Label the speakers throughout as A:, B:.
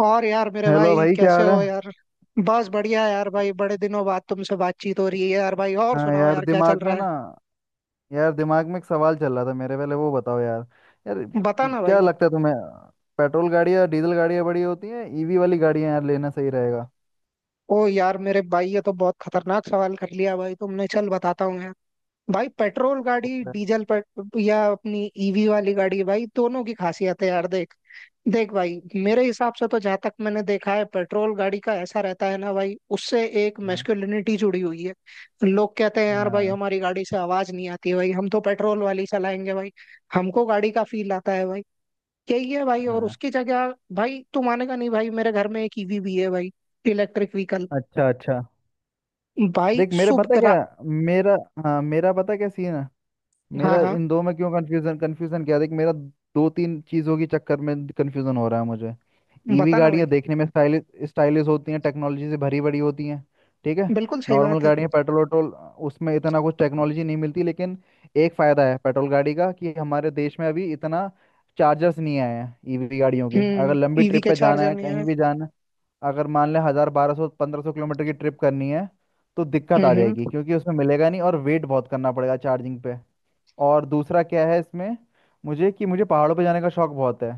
A: और यार मेरे
B: हेलो
A: भाई
B: भाई, क्या
A: कैसे
B: हाल है?
A: हो यार। बस बढ़िया यार भाई, बड़े दिनों बाद तुमसे बातचीत हो रही है यार। भाई और
B: हाँ
A: सुनाओ
B: यार,
A: यार, क्या चल
B: दिमाग में
A: रहा
B: ना, यार दिमाग में एक सवाल चल रहा था मेरे, पहले वो बताओ यार। यार,
A: है? बता ना भाई।
B: क्या लगता है तुम्हें, पेट्रोल गाड़ियाँ डीजल गाड़ियाँ बड़ी होती हैं, ईवी वाली गाड़ियाँ यार लेना सही रहेगा
A: ओ यार मेरे भाई, ये तो बहुत खतरनाक सवाल कर लिया भाई तुमने। चल बताता हूँ भाई। पेट्रोल गाड़ी,
B: लगता है।
A: डीजल पेट या अपनी ईवी वाली गाड़ी, भाई दोनों की खासियत है यार। देख देख भाई, मेरे हिसाब से तो, जहां तक मैंने देखा है, पेट्रोल गाड़ी का ऐसा रहता है ना भाई, उससे एक
B: हाँ,
A: मैस्कुलिनिटी जुड़ी हुई है। लोग कहते हैं यार भाई,
B: हाँ,
A: हमारी गाड़ी से आवाज नहीं आती है भाई, हम तो पेट्रोल वाली चलाएंगे भाई। हमको गाड़ी का फील आता है भाई, यही है भाई। और
B: हाँ।
A: उसकी जगह भाई, तू मानेगा नहीं भाई, मेरे घर में एक ईवी भी है भाई। Electric vehicle.
B: अच्छा, अच्छा।
A: भाई
B: देख मेरे पता
A: सुबह
B: क्या,
A: रा
B: मेरा, हाँ मेरा पता क्या सीन है।
A: हाँ
B: मेरा
A: हाँ,
B: इन दो में क्यों कंफ्यूजन, कंफ्यूजन क्या है देख, मेरा दो तीन चीज़ों के चक्कर में कंफ्यूजन हो रहा है मुझे। ईवी
A: बताना
B: गाड़ियाँ
A: भाई।
B: देखने में स्टाइलिश, स्टाइलिश होती हैं, टेक्नोलॉजी से भरी भरी होती हैं, ठीक है।
A: बिल्कुल सही
B: नॉर्मल
A: बात है।
B: गाड़ियाँ पेट्रोल वेट्रोल, उसमें इतना कुछ टेक्नोलॉजी नहीं मिलती, लेकिन एक फ़ायदा है पेट्रोल गाड़ी का कि हमारे देश में अभी इतना चार्जर्स नहीं आए हैं ईवी गाड़ियों के। अगर
A: हम्म
B: लंबी
A: ईवी
B: ट्रिप
A: के
B: पे
A: चार
B: जाना है,
A: जने
B: कहीं
A: हैं।
B: भी जाना है, अगर मान लें 1000 1200 1500 किलोमीटर की ट्रिप करनी है तो दिक्कत आ
A: हम्म।
B: जाएगी, क्योंकि उसमें मिलेगा नहीं और वेट बहुत करना पड़ेगा चार्जिंग पे। और दूसरा क्या है इसमें मुझे, कि मुझे पहाड़ों पे जाने का शौक बहुत है।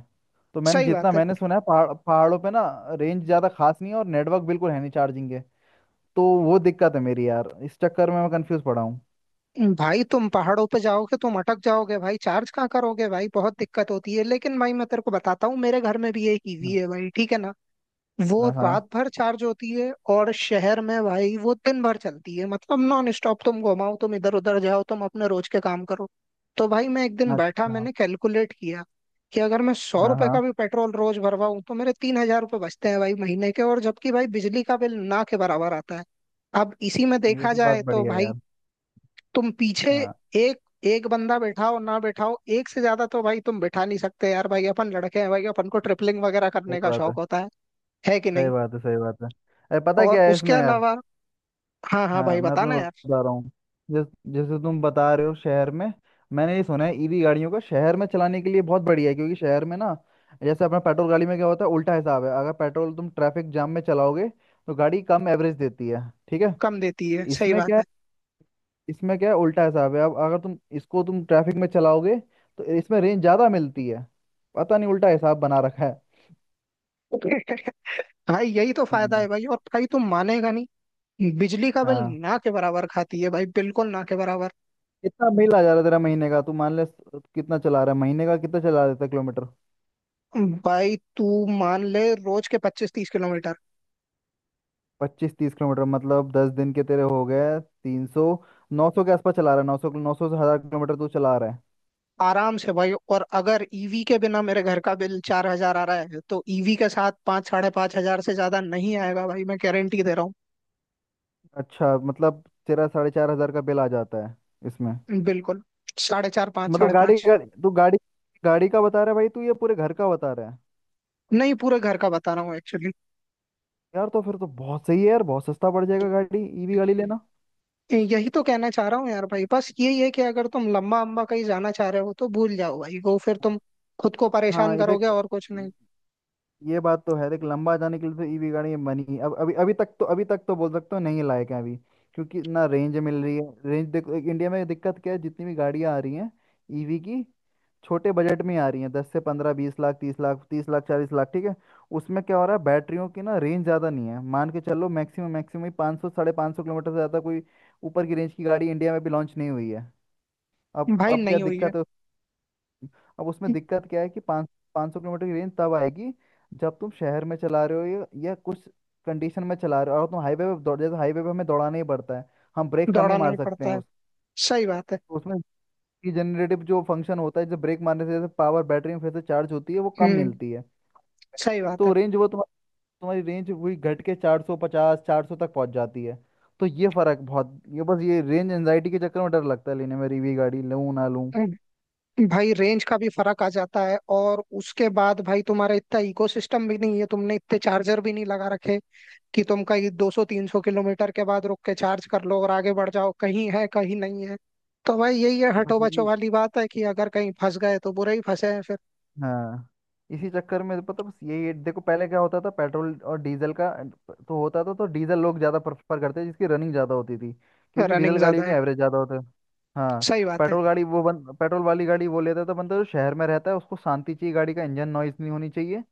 B: तो मैंने
A: सही
B: जितना
A: बात है
B: मैंने सुना है पहाड़ों पे ना, रेंज ज़्यादा खास नहीं है और नेटवर्क बिल्कुल है नहीं चार्जिंग के। तो वो दिक्कत है मेरी यार, इस चक्कर में मैं कंफ्यूज पड़ा हूँ।
A: भाई। तुम पहाड़ों पे जाओगे तुम अटक जाओगे भाई, चार्ज कहाँ करोगे भाई, बहुत दिक्कत होती है। लेकिन भाई मैं तेरे को बताता हूँ, मेरे घर में भी एक ईवी
B: हाँ,
A: है भाई, ठीक है ना। वो
B: हाँ, हाँ,
A: रात भर चार्ज होती है और शहर में भाई वो दिन भर चलती है, मतलब नॉन स्टॉप। तुम घुमाओ, तुम इधर उधर जाओ, तुम अपने रोज के काम करो। तो भाई मैं एक दिन बैठा,
B: अच्छा।
A: मैंने कैलकुलेट किया कि अगर मैं सौ
B: हाँ,
A: रुपए का
B: हाँ।
A: भी पेट्रोल रोज भरवाऊं, तो मेरे तीन हजार रुपये बचते हैं भाई महीने के। और जबकि भाई बिजली का बिल ना के बराबर आता है। अब इसी में
B: ये
A: देखा
B: तो बात
A: जाए तो
B: बढ़िया है
A: भाई,
B: यार।
A: तुम पीछे
B: हाँ।
A: एक एक बंदा बैठाओ ना बैठाओ, एक से ज्यादा तो भाई तुम बैठा नहीं सकते यार। भाई अपन लड़के हैं भाई, अपन को ट्रिपलिंग वगैरह
B: सही
A: करने का
B: बात
A: शौक
B: है,
A: होता है कि
B: सही
A: नहीं?
B: बात है, सही बात है। अरे पता है
A: और
B: क्या है
A: उसके
B: इसमें यार।
A: अलावा, हाँ हाँ
B: हाँ
A: भाई
B: मैं तुम्हें
A: बताना यार।
B: बता रहा हूँ। जैस, जैसे तुम बता रहे हो शहर में, मैंने ये सुना है ईवी गाड़ियों का शहर में चलाने के लिए बहुत बढ़िया है, क्योंकि शहर में ना, जैसे अपना पेट्रोल गाड़ी में क्या होता है, उल्टा हिसाब है, अगर पेट्रोल तुम ट्रैफिक जाम में चलाओगे तो गाड़ी कम एवरेज देती है, ठीक है।
A: कम देती है, सही
B: इसमें क्या
A: बात
B: है
A: है।
B: इसमें क्या है, उल्टा हिसाब है। अब अगर तुम इसको तुम ट्रैफिक में चलाओगे तो इसमें रेंज ज़्यादा मिलती है, पता नहीं उल्टा हिसाब बना रखा है।
A: भाई यही तो फायदा है
B: हम्म,
A: भाई। और भाई तुम मानेगा नहीं, बिजली का बिल
B: हाँ।
A: ना के बराबर खाती है भाई, बिल्कुल ना के बराबर।
B: कितना बिल आ जा रहा है तेरा महीने का? तू मान ले, कितना चला रहा है महीने का, कितना चला देता है किलोमीटर?
A: भाई तू मान ले रोज के पच्चीस तीस किलोमीटर।
B: 25 30 किलोमीटर, मतलब 10 दिन के तेरे हो गए 300, नौ सौ के आसपास चला रहा है। 900, 900 से 1000 किलोमीटर तू चला रहा है।
A: आराम से भाई। और अगर ईवी के बिना मेरे घर का बिल चार हजार आ रहा है, तो ईवी के साथ पाँच साढ़े पाँच हजार से ज्यादा नहीं आएगा भाई, मैं गारंटी दे रहा
B: अच्छा, मतलब तेरा 4500 का बिल आ जाता है इसमें?
A: हूँ। बिल्कुल, साढ़े चार पाँच
B: मतलब
A: साढ़े
B: गाड़ी
A: पाँच।
B: गाड़ी तू गाड़ी गाड़ी का बता रहा है भाई तू, ये पूरे घर का बता रहा है?
A: नहीं, पूरे घर का बता रहा हूँ एक्चुअली।
B: यार तो फिर तो बहुत सही है यार, बहुत सस्ता पड़ जाएगा गाड़ी ईवी गाड़ी लेना।
A: यही तो कहना चाह रहा हूँ यार भाई, बस यही है कि अगर तुम लंबा अम्बा कहीं जाना चाह रहे हो, तो भूल जाओ भाई। वो फिर तुम खुद को
B: हाँ
A: परेशान
B: ये
A: करोगे
B: देख,
A: और कुछ नहीं।
B: ये बात तो है, देख लंबा जाने के लिए तो ईवी गाड़ियाँ अब अभी अभी तक तो बोल सकते हो नहीं लायक है अभी, क्योंकि ना रेंज मिल रही है रेंज। देखो एक इंडिया में दिक्कत क्या है, जितनी भी गाड़ियाँ आ रही हैं ईवी की, छोटे बजट में ही आ रही हैं, 10 से 15, 20 लाख, 30 लाख, 30 लाख, 40 लाख ठीक है। उसमें क्या हो रहा है, बैटरियों की ना रेंज ज़्यादा नहीं है, मान के चलो मैक्सिमम, मैक्सिमम ही 500 550 किलोमीटर से ज़्यादा कोई ऊपर की रेंज की गाड़ी इंडिया में भी लॉन्च नहीं हुई है। अब
A: भाई
B: अब क्या
A: नहीं हुई है।
B: दिक्कत है, अब उसमें दिक्कत क्या है कि पाँच पाँच सौ किलोमीटर की रेंज तब आएगी जब तुम शहर में चला रहे हो या कुछ कंडीशन में चला रहे हो, और तुम हाईवे पे दौड़ जैसे हाईवे पे हमें दौड़ाना ही पड़ता है, हम ब्रेक कम ही
A: दौड़ा
B: मार
A: नहीं
B: सकते
A: पड़ता
B: हैं
A: है,
B: उस
A: सही बात है।
B: तो उसमें जनरेटिव जो फंक्शन होता है, जैसे ब्रेक मारने से जैसे पावर बैटरी में फिर से चार्ज होती है वो कम
A: हम्म,
B: मिलती है।
A: सही बात
B: तो
A: है।
B: रेंज वो तुम्हारी तुम्हारी रेंज वही घट के 450 400 तक पहुंच जाती है। तो ये फर्क बहुत, ये बस ये रेंज एंजाइटी के चक्कर में डर लगता है लेने में, रिवी गाड़ी लूं ना लूं।
A: हम्म। भाई रेंज का भी फर्क आ जाता है, और उसके बाद भाई तुम्हारा इतना इकोसिस्टम भी नहीं है, तुमने इतने चार्जर भी नहीं लगा रखे कि तुम कहीं 200 300 किलोमीटर के बाद रुक के चार्ज कर लो और आगे बढ़ जाओ। कहीं है कहीं नहीं है। तो भाई यही है,
B: बस
A: हटो बचो
B: ये,
A: वाली बात है कि अगर कहीं फंस गए तो बुरा ही फंसे हैं।
B: हाँ इसी चक्कर में तो, पता बस यही देखो पहले क्या होता था पेट्रोल और डीजल का, तो होता था तो डीजल लोग ज़्यादा प्रेफर करते जिसकी रनिंग ज़्यादा होती थी क्योंकि
A: रनिंग
B: डीजल
A: ज्यादा
B: गाड़ियों के
A: है,
B: एवरेज ज़्यादा होते हैं। हाँ।
A: सही बात है।
B: पेट्रोल वाली गाड़ी वो लेता था बंदा जो शहर में रहता है, उसको शांति चाहिए, गाड़ी का इंजन नॉइज नहीं होनी चाहिए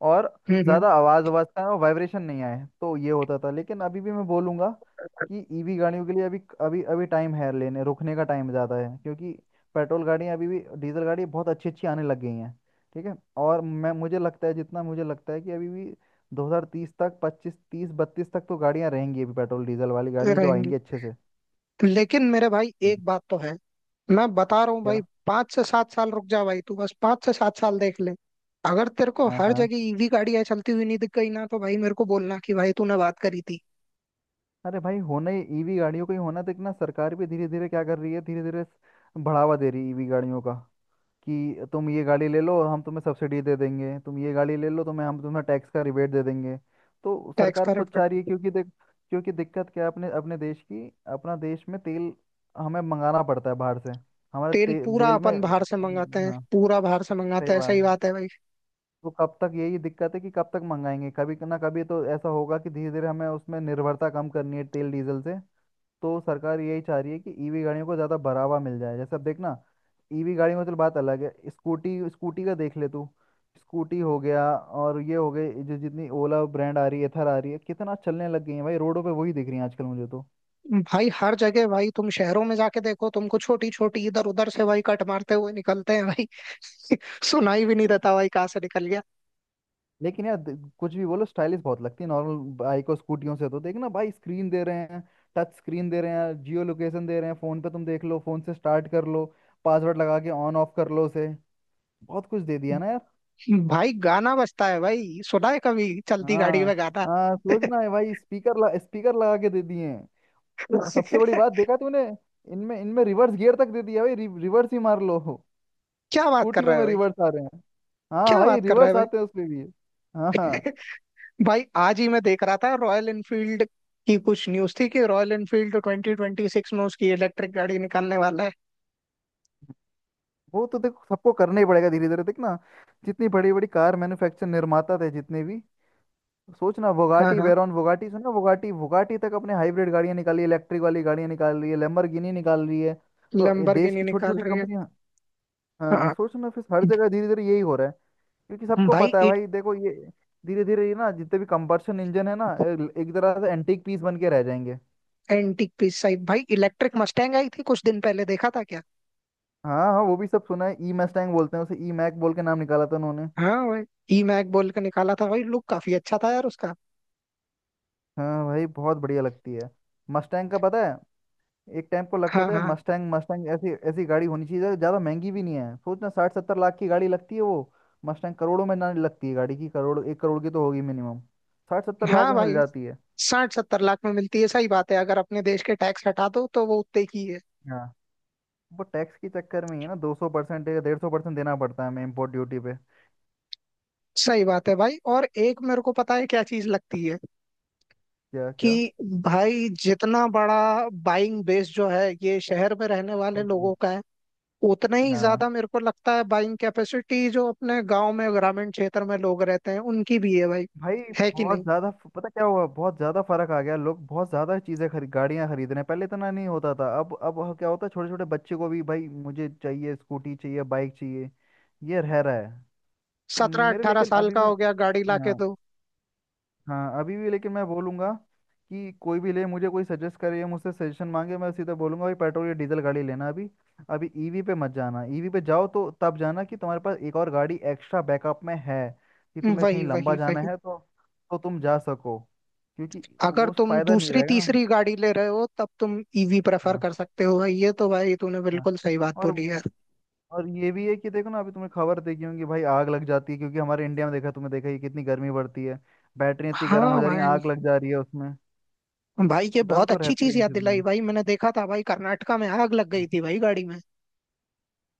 B: और
A: हम्म।
B: ज़्यादा आवाज़, आवाज़ का और वाइब्रेशन नहीं आए, तो ये होता था। लेकिन अभी भी मैं बोलूँगा कि ईवी गाड़ियों के लिए अभी अभी अभी टाइम है, लेने रुकने का टाइम ज़्यादा है, क्योंकि पेट्रोल गाड़ियाँ अभी भी, डीजल गाड़ी बहुत अच्छी अच्छी आने लग गई हैं, ठीक है। और मैं मुझे लगता है, जितना मुझे लगता है कि अभी भी 2030 तक 25 30 बत्तीस तक तो गाड़ियां रहेंगी अभी पेट्रोल डीजल वाली, गाड़ियां जो
A: रहेंगी।
B: आएंगी अच्छे से।
A: लेकिन मेरे भाई
B: हम्म।
A: एक बात तो है, मैं बता रहा हूँ भाई,
B: क्या?
A: पांच से सात साल रुक जा भाई, तू बस पांच से सात साल देख ले। अगर तेरे को
B: हाँ,
A: हर
B: हाँ।
A: जगह ईवी गाड़ियां चलती हुई नहीं दिख गई ना, तो भाई मेरे को बोलना कि भाई तूने बात करी थी।
B: अरे भाई होना ही ईवी गाड़ियों का ही होना, तो इतना सरकार भी धीरे धीरे क्या कर रही है, धीरे धीरे बढ़ावा दे रही है ईवी गाड़ियों का, कि तुम ये गाड़ी ले लो हम तुम्हें सब्सिडी दे देंगे, तुम ये गाड़ी ले लो तो मैं हम तुम्हें टैक्स का रिबेट दे देंगे। तो
A: टैक्स
B: सरकार
A: का
B: खुद चाह रही है,
A: रिफंड।
B: क्योंकि देख, क्योंकि दिक्कत क्या है अपने, अपने देश की, अपना देश में तेल हमें मंगाना पड़ता है बाहर से,
A: तेल पूरा
B: तेल में।
A: अपन बाहर से मंगाते हैं,
B: हाँ
A: पूरा बाहर से मंगाते
B: सही
A: हैं,
B: बात
A: सही बात
B: है।
A: है भाई।
B: तो कब तक, यही दिक्कत है कि कब तक मंगाएंगे, कभी ना कभी तो ऐसा होगा कि धीरे धीरे हमें उसमें निर्भरता कम करनी है तेल डीजल से। तो सरकार यही चाह रही है कि ईवी गाड़ियों को ज़्यादा बढ़ावा मिल जाए। जैसे अब देखना, ईवी गाड़ी में तो बात अलग है, स्कूटी, स्कूटी का देख ले तू, स्कूटी हो गया और ये हो गए, जो जितनी ओला ब्रांड आ रही है, एथर आ रही है, कितना चलने लग गई है भाई, रोडों पे वही दिख रही है आजकल मुझे तो।
A: भाई हर जगह, भाई तुम शहरों में जाके देखो, तुमको छोटी छोटी इधर उधर से भाई कट मारते हुए निकलते हैं भाई। सुनाई भी नहीं देता भाई कहाँ से निकल गया।
B: लेकिन यार कुछ भी बोलो स्टाइलिश बहुत लगती है नॉर्मल बाइक और स्कूटियों से, तो देखना भाई, स्क्रीन दे रहे हैं, टच स्क्रीन दे रहे हैं, जियो लोकेशन दे रहे हैं, फ़ोन पे तुम देख लो, फ़ोन से स्टार्ट कर लो, पासवर्ड लगा के ऑन ऑफ कर लो उसे, बहुत कुछ दे दिया ना।
A: भाई गाना बजता है भाई, सुना है कभी चलती गाड़ी
B: हाँ,
A: में गाना?
B: हाँ सोचना है भाई, स्पीकर लगा के दे दिए हैं। और सबसे बड़ी बात, देखा तूने, इनमें इनमें रिवर्स गियर तक दे दिया भाई, रिवर्स ही मार लो।
A: क्या बात कर रहा
B: स्कूटियों
A: है
B: में
A: भाई।
B: रिवर्स आ रहे हैं। हाँ
A: क्या
B: भाई,
A: बात कर रहा है
B: रिवर्स
A: भाई।
B: आते हैं उसमें भी। हाँ, हाँ।
A: भाई आज ही मैं देख रहा था, रॉयल एनफील्ड की कुछ न्यूज थी कि Royal Enfield twenty twenty six में उसकी इलेक्ट्रिक गाड़ी निकालने वाला है।
B: वो तो देखो सबको करना ही पड़ेगा धीरे धीरे, देख ना जितनी बड़ी बड़ी कार मैन्युफैक्चर, निर्माता थे जितने भी, सोचना
A: हाँ
B: वोगाटी
A: हाँ,
B: वेरॉन, वोगाटी सुना, वोगाटी, वोगाटी तक अपने हाइब्रिड गाड़ियां निकाली, इलेक्ट्रिक वाली गाड़ियां निकाल रही है, लैम्बोर्गिनी निकाल रही है, तो ये देश
A: लैम्बोर्गिनी
B: की छोटी
A: निकाल
B: छोटी
A: रही है।
B: कंपनियां, हाँ
A: हाँ
B: सोचना फिर हर जगह धीरे धीरे यही हो रहा है, क्योंकि सबको
A: भाई।
B: पता है भाई। देखो ये धीरे धीरे, ये ना जितने भी कंबर्शन इंजन है ना एक तरह से एंटीक पीस बन के रह जाएंगे।
A: एंटीक पीस साइड, भाई इलेक्ट्रिक मस्टैंग आई थी कुछ दिन पहले, देखा था क्या?
B: हाँ हाँ वो भी सब सुना है, ई मस्टैंग बोलते हैं उसे, ई मैक बोल के नाम निकाला था उन्होंने।
A: हाँ भाई, ई मैक बोल के निकाला था भाई, लुक काफी अच्छा था यार उसका।
B: हाँ भाई बहुत बढ़िया लगती है मस्टैंग का, पता है एक टाइम को लगता
A: हाँ
B: था
A: हाँ।
B: मस्टैंग, मस्टैंग ऐसी ऐसी गाड़ी होनी चाहिए जो ज़्यादा महंगी भी नहीं है, सोचना 60 70 लाख की गाड़ी लगती है वो। मस्टैंग करोड़ों में ना लगती है, गाड़ी की करोड़, 1 करोड़ की तो होगी मिनिमम, 60 70 लाख
A: हाँ
B: में मिल
A: भाई,
B: जाती है।
A: साठ सत्तर लाख में मिलती है, सही बात है। अगर अपने देश के टैक्स हटा दो तो वो उतने की है।
B: हाँ वो टैक्स के चक्कर में ही है ना, 200% या 150% देना पड़ता है हमें इम्पोर्ट ड्यूटी पे।
A: सही बात है भाई। और एक मेरे को पता है क्या चीज लगती है,
B: क्या, क्या?
A: कि भाई जितना बड़ा बाइंग बेस जो है ये शहर में रहने वाले
B: हम्म,
A: लोगों का है, उतना ही
B: हाँ
A: ज्यादा मेरे को लगता है बाइंग कैपेसिटी जो अपने गांव में, ग्रामीण क्षेत्र में लोग रहते हैं, उनकी भी है भाई,
B: भाई
A: है कि
B: बहुत
A: नहीं?
B: ज्यादा पता क्या हुआ, बहुत ज्यादा फर्क आ गया, लोग बहुत ज्यादा चीजें खरीद गाड़ियां खरीद रहे हैं, पहले इतना नहीं होता था। क्या होता है, छोटे छोटे बच्चे को भी भाई, मुझे चाहिए स्कूटी चाहिए बाइक चाहिए, ये रह रहा है। तो
A: सत्रह
B: मेरे
A: अट्ठारह
B: लेकिन
A: साल
B: अभी
A: का
B: भी,
A: हो गया, गाड़ी ला के दो।
B: हाँ अभी भी, लेकिन मैं बोलूंगा कि कोई भी ले, मुझे कोई सजेस्ट करे या मुझसे सजेशन मांगे, मैं सीधा बोलूंगा भाई पेट्रोल या डीजल गाड़ी लेना अभी, अभी ईवी पे मत जाना, ईवी पे जाओ तो तब जाना कि तुम्हारे पास एक और गाड़ी एक्स्ट्रा बैकअप में है, कि तुम्हें कहीं
A: वही
B: लंबा
A: वही
B: जाना
A: वही।
B: है, तो तुम जा सको, क्योंकि
A: अगर
B: वो
A: तुम
B: फायदा नहीं
A: दूसरी
B: रहेगा ना।
A: तीसरी गाड़ी ले रहे हो, तब तुम ईवी प्रेफर
B: हाँ,
A: कर सकते हो भाई। ये तो भाई तूने
B: हाँ।
A: बिल्कुल सही बात
B: और
A: बोली है।
B: वो- और ये भी है कि देखो ना, अभी तुम्हें खबर देखी होगी भाई, आग लग जाती है, क्योंकि हमारे इंडिया में देखा, तुमने देखा ही है, कितनी गर्मी बढ़ती है, बैटरी इतनी गर्म हो
A: हाँ
B: जा रही है,
A: भाई।
B: आग लग जा रही है उसमें।
A: भाई ये
B: डर
A: बहुत
B: तो
A: अच्छी
B: रहता ही
A: चीज
B: है इन
A: याद
B: चीज़ों
A: दिलाई
B: में,
A: भाई, मैंने देखा था भाई कर्नाटका में आग लग गई थी भाई गाड़ी में।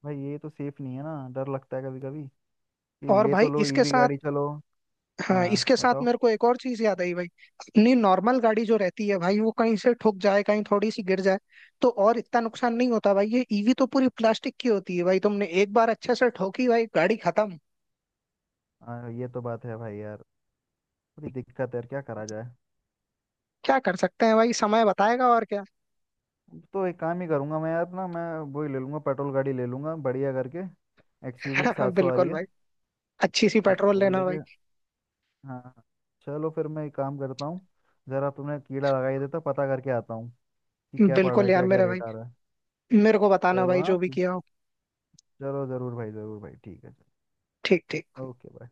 B: भाई ये तो सेफ नहीं है ना, डर लगता है कभी कभी, कि
A: और
B: ले तो
A: भाई
B: लो
A: इसके
B: ईवी
A: साथ,
B: गाड़ी चलो।
A: हाँ
B: हाँ
A: इसके साथ
B: बताओ।
A: मेरे को एक और चीज याद आई भाई, अपनी नॉर्मल गाड़ी जो रहती है भाई, वो कहीं से ठुक जाए, कहीं थोड़ी सी गिर जाए, तो और इतना नुकसान नहीं होता भाई। ये ईवी तो पूरी प्लास्टिक की होती है भाई, तुमने एक बार अच्छे से ठोकी भाई गाड़ी खत्म।
B: हाँ ये तो बात है भाई यार, बड़ी दिक्कत है यार, क्या करा जाए।
A: क्या कर सकते हैं भाई, समय बताएगा। और
B: तो एक काम ही करूंगा मैं यार, ना मैं वो ही ले लूंगा, पेट्रोल गाड़ी ले लूंगा बढ़िया करके, एक्सयूवी
A: क्या!
B: 700 आ रही
A: बिल्कुल
B: है।
A: भाई, अच्छी सी
B: हाँ
A: पेट्रोल
B: वो
A: लेना भाई।
B: लेके, हाँ, हाँ। चलो फिर मैं एक काम करता हूँ, जरा तुमने कीड़ा लगा ही देता, पता करके आता हूँ कि क्या पड़ रहा
A: बिल्कुल
B: है,
A: यार
B: क्या क्या
A: मेरे भाई,
B: रेट आ रहा है।
A: मेरे को बताना
B: चलो
A: भाई
B: हाँ
A: जो भी
B: ठीक,
A: किया हो।
B: चलो जरूर भाई, जरूर भाई, ठीक है।
A: ठीक ठीक।
B: ओके।